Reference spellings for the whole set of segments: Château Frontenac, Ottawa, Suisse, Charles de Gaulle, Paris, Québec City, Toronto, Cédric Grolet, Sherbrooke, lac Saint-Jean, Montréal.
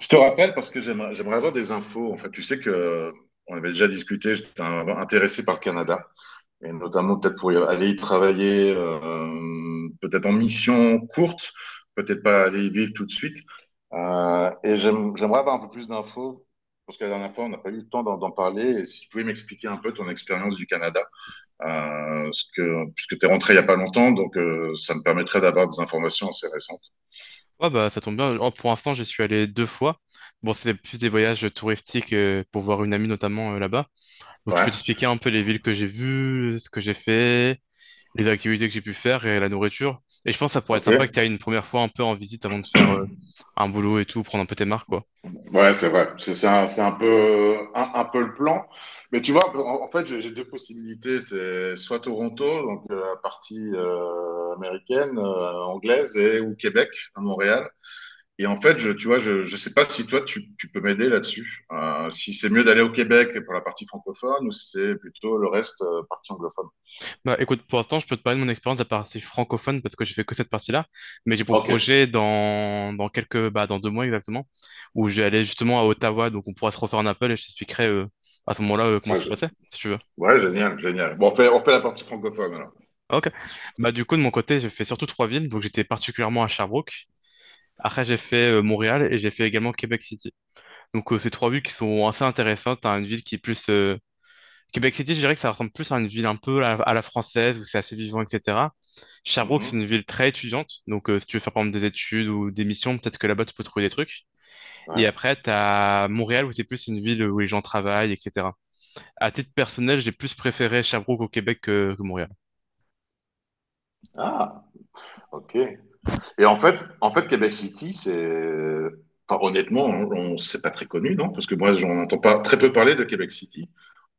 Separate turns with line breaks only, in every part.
Je te rappelle parce que j'aimerais avoir des infos. En fait, tu sais que on avait déjà discuté, j'étais intéressé par le Canada, et notamment peut-être pour y aller y travailler, peut-être en mission courte, peut-être pas aller y vivre tout de suite. Et j'aimerais avoir un peu plus d'infos, parce que la dernière fois, on n'a pas eu le temps d'en parler. Et si tu pouvais m'expliquer un peu ton expérience du Canada, ce que, puisque tu es rentré il n'y a pas longtemps, ça me permettrait d'avoir des informations assez récentes.
Ouais, bah, ça tombe bien. Oh, pour l'instant, j'y suis allé 2 fois. Bon, c'est plus des voyages touristiques pour voir une amie notamment là-bas. Donc, je peux
Ouais,
t'expliquer un peu les villes que j'ai vues, ce que j'ai fait, les activités que j'ai pu faire et la nourriture. Et je pense que ça pourrait être sympa que
ok.
tu ailles une première fois un peu en visite avant de faire un boulot et tout, prendre un peu tes marques, quoi.
Ouais, c'est vrai. C'est un, c'est un peu le plan. Mais tu vois, en, en fait, j'ai deux possibilités. C'est soit Toronto, la partie américaine, anglaise, et, ou Québec, à Montréal. Et en fait, je, tu vois, je sais pas si toi, tu peux m'aider là-dessus. Si c'est mieux d'aller au Québec pour la partie francophone ou si c'est plutôt le reste, partie anglophone.
Bah, écoute, pour l'instant, je peux te parler de mon expérience de la partie francophone parce que j'ai fait que cette partie-là. Mais j'ai pour
Ok.
projet dans, quelques, bah, dans 2 mois exactement, où je vais aller justement à Ottawa. Donc, on pourra se refaire un appel et je t'expliquerai à ce moment-là comment
Ah,
ça s'est
gé-
passé, si tu veux.
ouais, génial, génial. Bon, on fait la partie francophone alors.
Ok. Bah, du coup, de mon côté, j'ai fait surtout trois villes. Donc, j'étais particulièrement à Sherbrooke. Après, j'ai fait Montréal et j'ai fait également Québec City. Donc, ces trois villes qui sont assez intéressantes. À une ville qui est plus. Québec City, je dirais que ça ressemble plus à une ville un peu à, la française où c'est assez vivant, etc. Sherbrooke, c'est une
Mhm.
ville très étudiante. Donc, si tu veux faire par exemple des études ou des missions, peut-être que là-bas, tu peux trouver des trucs. Et
Ouais.
après, tu as Montréal où c'est plus une ville où les gens travaillent, etc. À titre personnel, j'ai plus préféré Sherbrooke au Québec que Montréal.
Ah, ok. Et en fait Québec City, c'est. Enfin, honnêtement, on- c'est pas très connu, non? Parce que moi, j'en entends pas très peu parler de Québec City.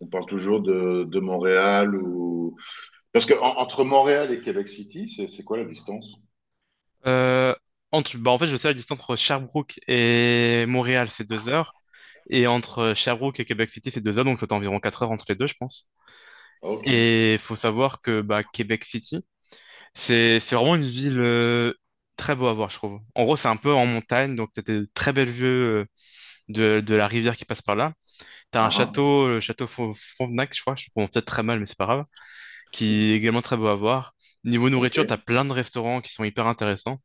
On parle toujours de Montréal ou. Parce que en- entre Montréal et Québec City, c'est quoi la distance?
Euh, entre, bah en fait, je sais la distance entre Sherbrooke et Montréal, c'est 2 heures. Et entre Sherbrooke et Québec City, c'est 2 heures, donc c'est environ 4 heures entre les deux, je pense.
Ah, ok.
Et il faut savoir que bah, Québec City, c'est vraiment une ville très beau à voir, je trouve. En gros, c'est un peu en montagne, donc t'as des très belles vues de la rivière qui passe par là. T'as un
Ah, ah,
château, le château Frontenac, je crois, je prononce peut-être très mal, mais c'est pas grave, qui est également très beau à voir. Niveau nourriture, t'as
ok.
plein de restaurants qui sont hyper intéressants.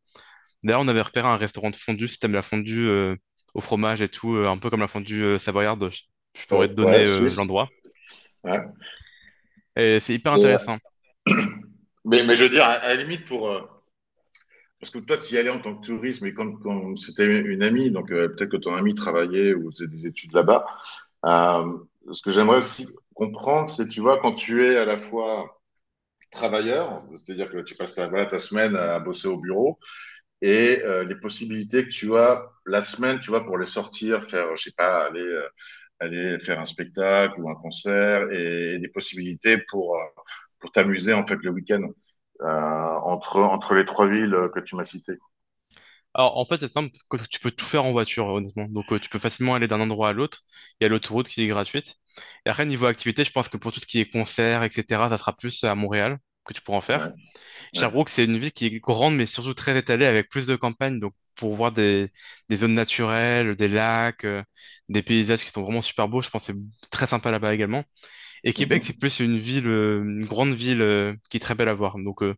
D'ailleurs, on avait repéré un restaurant de fondue, si t'aimes la fondue au fromage et tout, un peu comme la fondue savoyarde, je pourrais te donner
Ouais, Suisse.
l'endroit.
Ouais.
Et c'est hyper
Et,
intéressant.
mais je veux dire, à la limite, pour. Parce que toi, tu y allais en tant que touriste, mais quand, quand c'était une amie, peut-être que ton amie travaillait ou faisait des études là-bas. Euh, Ce que j'aimerais aussi comprendre, c'est, tu vois, quand tu es à la fois travailleur, c'est-à-dire que tu passes ta, voilà, ta semaine à bosser au bureau, et les possibilités que tu as la semaine, tu vois, pour les sortir, faire, je sais pas, aller, aller faire un spectacle ou un concert, et des possibilités pour t'amuser, en fait, le week-end, entre, entre les trois villes que tu m'as citées.
Alors, en fait, c'est simple, parce que tu peux tout faire en voiture, honnêtement. Donc, tu peux facilement aller d'un endroit à l'autre. Il y a l'autoroute qui est gratuite. Et après, niveau activité, je pense que pour tout ce qui est concert, etc., ça sera plus à Montréal que tu pourras en
Ouais,
faire.
ouais.
Sherbrooke, c'est une ville qui est grande, mais surtout très étalée, avec plus de campagnes, donc pour voir des zones naturelles, des lacs, des paysages qui sont vraiment super beaux, je pense que c'est très sympa là-bas également. Et Québec, c'est
Mhm.
plus une ville, une grande ville qui est très belle à voir. Donc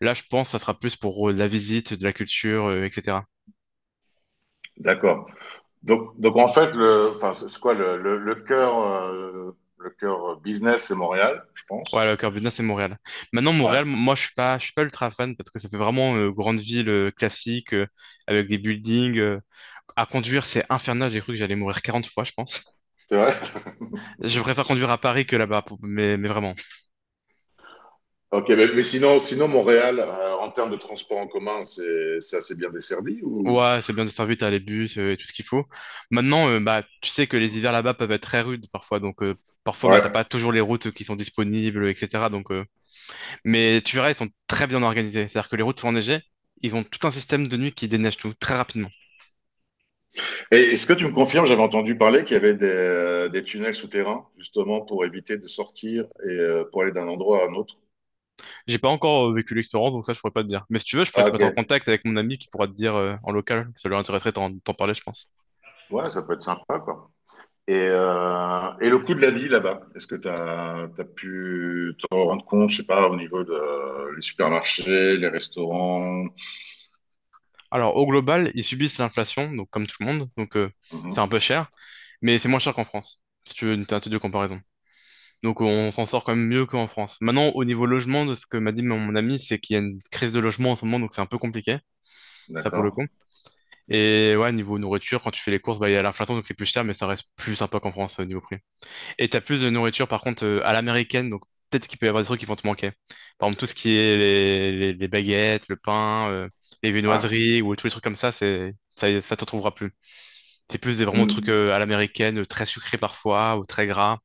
là, je pense que ça sera plus pour de la visite, de la culture, etc.
D'accord. Donc en fait, le, enfin, c'est quoi le cœur business, c'est Montréal, je pense.
Ouais, le cœur du c'est Montréal. Maintenant,
Ouais,
Montréal, moi, je suis pas ultra fan parce que ça fait vraiment grande ville classique avec des buildings. À conduire, c'est infernal. J'ai cru que j'allais mourir 40 fois, je pense.
c'est vrai.
Je préfère conduire à Paris que là-bas, mais vraiment.
Ok, mais sinon, sinon Montréal, en termes de transport en commun, c'est assez bien desservi ou
Ouais, c'est bien desservi, t'as les bus et tout ce qu'il faut. Maintenant, bah, tu sais que les hivers là-bas peuvent être très rudes parfois, donc parfois, bah, t'as pas
ouais.
toujours les routes qui sont disponibles, etc. Donc, mais tu verras, ils sont très bien organisés. C'est-à-dire que les routes sont enneigées, ils ont tout un système de nuit qui déneige tout très rapidement.
Et est-ce que tu me confirmes, j'avais entendu parler qu'il y avait des tunnels souterrains justement pour éviter de sortir et pour aller d'un endroit à un autre.
J'ai pas encore vécu l'expérience, donc ça, je pourrais pas te dire. Mais si tu veux, je pourrais
Ah
te mettre en
ok.
contact avec mon ami qui pourra te dire en local. Ça lui intéresserait d'en parler, je pense.
Ouais, ça peut être sympa quoi. Et le coût de la vie là-bas, est-ce que tu as, pu te rendre compte, je sais pas, au niveau de les supermarchés, les restaurants?
Alors, au global, ils subissent l'inflation, donc comme tout le monde, donc c'est un
Mhm,
peu cher, mais c'est moins cher qu'en France, si tu veux une tentative de comparaison. Donc, on s'en sort quand même mieux qu'en France. Maintenant, au niveau logement, de ce que m'a dit mon ami, c'est qu'il y a une crise de logement en ce moment, donc c'est un peu compliqué, ça pour le
d'accord.
coup. Et ouais, niveau nourriture, quand tu fais les courses, bah, il y a l'inflation, donc c'est plus cher, mais ça reste plus sympa qu'en France, niveau prix. Et t'as plus de nourriture, par contre, à l'américaine, donc peut-être qu'il peut y avoir des trucs qui vont te manquer. Par exemple, tout ce qui est les, les baguettes, le pain, les
Ouais.
viennoiseries ou tous les trucs comme ça, c'est, ça t'en trouvera plus. C'est plus des vraiment trucs
Mm.
à l'américaine, très sucrés parfois, ou très gras,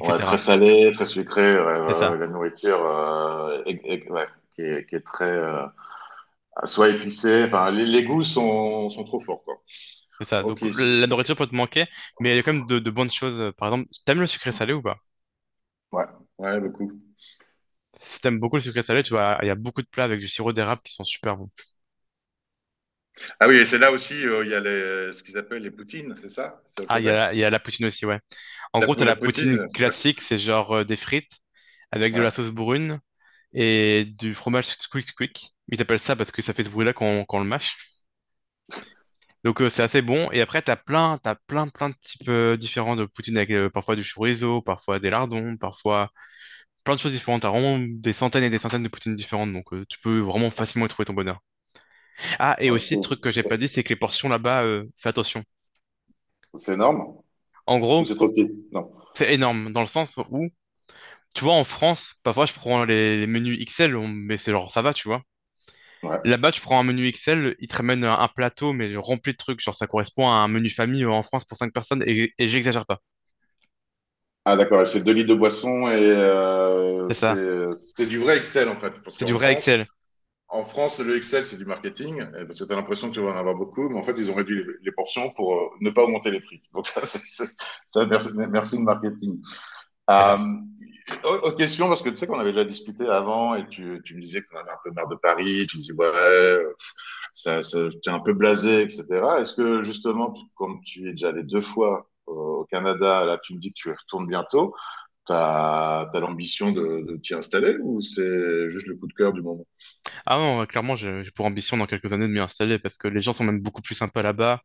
Ouais, très salé, très sucré, ouais,
C'est
ouais,
ça.
ouais, la nourriture est- est- ouais, qui est très soit épicée, enfin les goûts sont, sont trop forts quoi.
C'est ça. Donc
Ok,
la nourriture peut te manquer, mais il y a quand même de, bonnes choses. Par exemple, t'aimes le sucré salé ou pas?
ouais, ouais beaucoup.
Si t'aimes beaucoup le sucré salé, tu vois, il y a beaucoup de plats avec du sirop d'érable qui sont super bons.
Ah oui, et c'est là aussi il y a les, ce qu'ils appellent les poutines, c'est ça? C'est au
Ah, il y a,
Québec?
il y a la poutine aussi, ouais. En
La,
gros,
pou-
t'as
la
la poutine
poutine, ouais.
classique, c'est genre des frites avec de la
Ouais.
sauce brune et du fromage squeak squeak. Ils appellent ça parce que ça fait ce bruit-là quand, quand on le mâche. Donc c'est assez bon. Et après, t'as plein, plein de types différents de poutine avec parfois du chorizo, parfois des lardons, parfois plein de choses différentes. T'as vraiment des centaines et des centaines de poutines différentes. Donc tu peux vraiment facilement y trouver ton bonheur. Ah, et aussi, truc
Ok.
que j'ai pas dit, c'est que les portions là-bas, fais attention.
C'est énorme?
En
Ou
gros,
c'est trop petit? Non.
c'est énorme dans le sens où, tu vois, en France, parfois je prends les, menus XL, mais c'est genre ça va, tu vois.
Ouais.
Là-bas, tu prends un menu Excel, il te ramène un plateau, mais rempli de trucs. Genre, ça correspond à un menu famille en France pour 5 personnes, et, j'exagère pas.
Ah d'accord, et c'est deux litres de boisson et
C'est ça.
c'est du vrai Excel en fait. Parce
C'est du
qu'en
vrai
France,
Excel.
en France, le Excel, c'est du marketing, et parce que tu as l'impression que tu vas en avoir beaucoup, mais en fait, ils ont réduit les portions pour ne pas augmenter les prix. Donc ça, c'est- ça, merci, merci le marketing.
C'est
Euh,
ça.
Autre question, parce que tu sais qu'on avait déjà discuté avant et tu me disais que tu en avais un peu marre de Paris, tu me dis ouais, ça, ça, tu es un peu blasé, etc. Est-ce que justement, comme tu es déjà allé deux fois au Canada, là tu me dis que tu y retournes bientôt, tu as, l'ambition de t'y installer ou c'est juste le coup de cœur du moment?
Ah non, clairement, j'ai pour ambition dans quelques années de m'y installer parce que les gens sont même beaucoup plus sympas là-bas.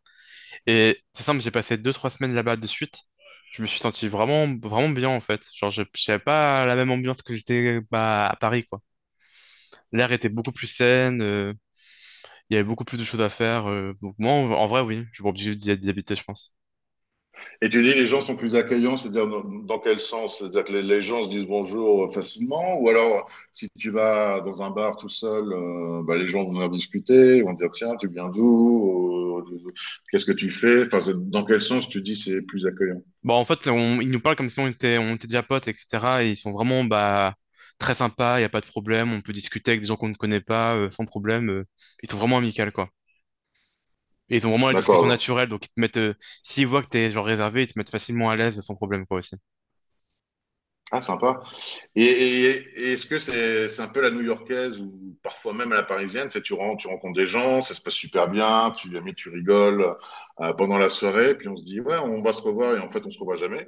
Et c'est simple, j'ai passé 2 ou 3 semaines là-bas de suite. Je me suis senti vraiment, vraiment bien en fait. Genre, je n'avais pas la même ambiance que j'étais bah, à Paris, quoi. L'air était beaucoup plus sain, il y avait beaucoup plus de choses à faire. Donc, moi, en, vrai, oui, je suis pas obligé d'y habiter, je pense.
Et tu dis les gens sont plus accueillants, c'est-à-dire dans, dans quel sens? C'est-à-dire que les gens se disent bonjour facilement, ou alors si tu vas dans un bar tout seul, bah, les gens vont venir discuter, vont dire tiens, tu viens d'où? Qu'est-ce que tu fais? Enfin, c'est- dans quel sens tu dis c'est plus accueillant?
Bon, en fait, ils nous parlent comme si on était, déjà potes, etc. Et ils sont vraiment bah, très sympas, il n'y a pas de problème, on peut discuter avec des gens qu'on ne connaît pas sans problème. Ils sont vraiment amicaux, quoi. Et ils ont vraiment la discussion
D'accord.
naturelle, donc ils te mettent, s'ils voient que t'es genre réservé, ils te mettent facilement à l'aise sans problème, quoi, aussi.
Ah, sympa. Et, et- et est-ce que c'est un peu la new-yorkaise ou parfois même à la parisienne, c'est tu, ren- tu rencontres des gens, ça se passe super bien, tu, mais tu rigoles pendant la soirée, puis on se dit ouais, on va se revoir et en fait on se revoit jamais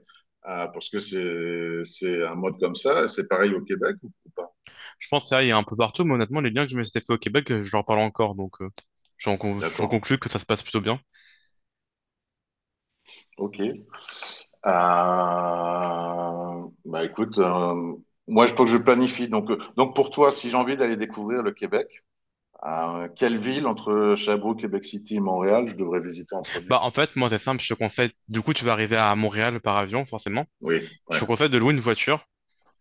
parce que c'est un mode comme ça. C'est pareil au Québec ou pas?
Je pense que ça, il y a un peu partout, mais honnêtement, les liens que je me suis fait au Québec, je leur parle encore, donc j'en
D'accord.
conclus que ça se passe plutôt bien.
Ok. Bah écoute, moi je faut que je planifie. Donc pour toi, si j'ai envie d'aller découvrir le Québec, quelle ville entre Sherbrooke, Québec City et Montréal, je devrais visiter en premier?
Bah, en fait, moi, c'est simple, je te conseille. Du coup, tu vas arriver à Montréal par avion, forcément.
Oui,
Je
ouais,
te conseille de louer une voiture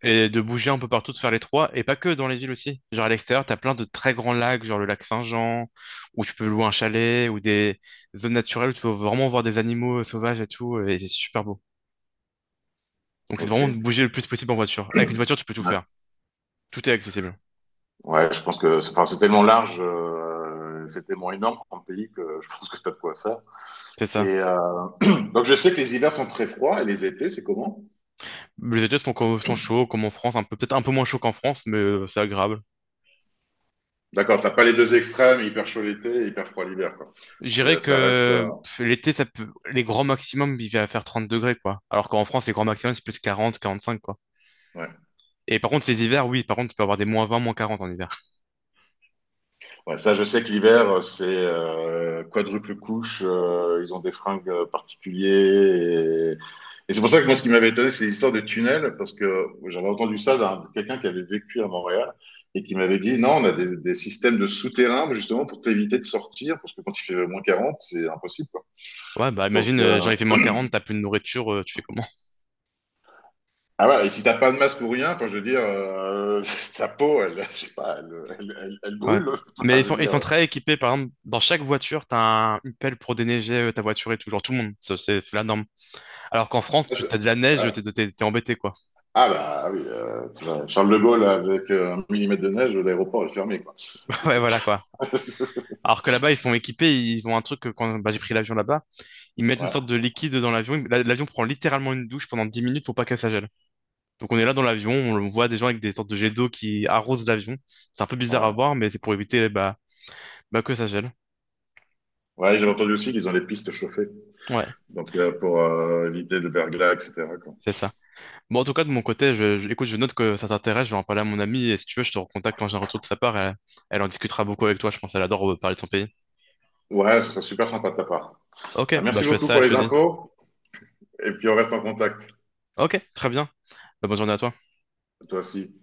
et de bouger un peu partout, de faire les trois, et pas que dans les îles aussi. Genre, à l'extérieur, t'as plein de très grands lacs, genre le lac Saint-Jean, où tu peux louer un chalet, ou des zones naturelles où tu peux vraiment voir des animaux sauvages et tout, et c'est super beau. Donc, c'est vraiment
OK.
de bouger le plus possible en voiture. Avec une voiture, tu peux tout
Ouais,
faire. Tout est accessible.
ouais, je pense que c'est enfin, c'est tellement large, c'est tellement énorme comme pays que je pense que tu as de quoi faire.
C'est
Et
ça.
euh, donc, je sais que les hivers sont très froids et les étés, c'est comment?
Les études sont chauds, comme en France, un peu, peut-être un peu moins chaud qu'en France, mais c'est agréable.
D'accord, t'as pas les deux extrêmes, hyper chaud l'été et hyper froid l'hiver, quoi.
Je dirais
C'est, ça reste.
que pff, l'été, ça peut... les grands maximums, il va faire 30 degrés, quoi. Alors qu'en France, les grands maximums, c'est plus 40 45 quoi.
Ouais.
Et par contre, les hivers, oui, par contre, tu peux avoir des -20 -40 en hiver.
Ouais, ça, je sais que l'hiver, c'est quadruple couche. Ils ont des fringues particuliers. Et c'est pour ça que moi, ce qui m'avait étonné, c'est l'histoire de tunnel, parce que j'avais entendu ça d'un quelqu'un qui avait vécu à Montréal et qui m'avait dit non, on a des systèmes de souterrains justement pour t'éviter de sortir, parce que quand il fait -40, c'est impossible. Quoi.
Ouais, bah
Donc,
imagine,
euh,
genre, il fait -40 t'as plus de nourriture, tu fais comment?
ah ouais, et si t'as pas de masque ou rien, enfin, je veux dire, ta peau, elle, je sais pas, elle, elle, elle- elle
Ouais.
brûle.
Mais
Enfin,
ils
je
sont,
veux dire,
très équipés, par exemple, dans chaque voiture, t'as un, une pelle pour déneiger ta voiture et tout, genre tout le monde, ça, c'est la norme. Alors qu'en France, tu t'as de la neige,
ah
t'es embêté, quoi.
ah bah oui, tu vois, Charles de Gaulle avec 1 millimètre de neige, l'aéroport est fermé, quoi.
Ouais, voilà,
C'est-
quoi. Alors que là-bas, ils sont équipés, ils ont un truc que quand bah, j'ai pris l'avion là-bas, ils mettent une
ouais,
sorte de liquide dans l'avion. L'avion prend littéralement une douche pendant 10 minutes pour pas qu'elle s'agèle. Donc on est là dans l'avion, on le voit des gens avec des sortes de jets d'eau qui arrosent l'avion. C'est un peu bizarre à
ouais.
voir, mais c'est pour éviter bah, que ça gèle.
Ouais, j'ai entendu aussi qu'ils ont les pistes chauffées.
Ouais,
Pour éviter le verglas, etc. quoi.
c'est ça. Bon, en tout cas, de mon côté, écoute, je note que ça t'intéresse, je vais en parler à mon amie, et si tu veux, je te recontacte quand j'ai un retour de sa part, elle, elle en discutera beaucoup avec toi, je pense, elle adore parler de son pays.
Ouais, ce serait super sympa de ta part.
Ok,
Bah,
bah
merci
je fais
beaucoup
ça,
pour
et je te
les
dis.
infos. Et puis, on reste en contact.
Ok, très bien. Bah, bonne journée à toi.
Toi aussi.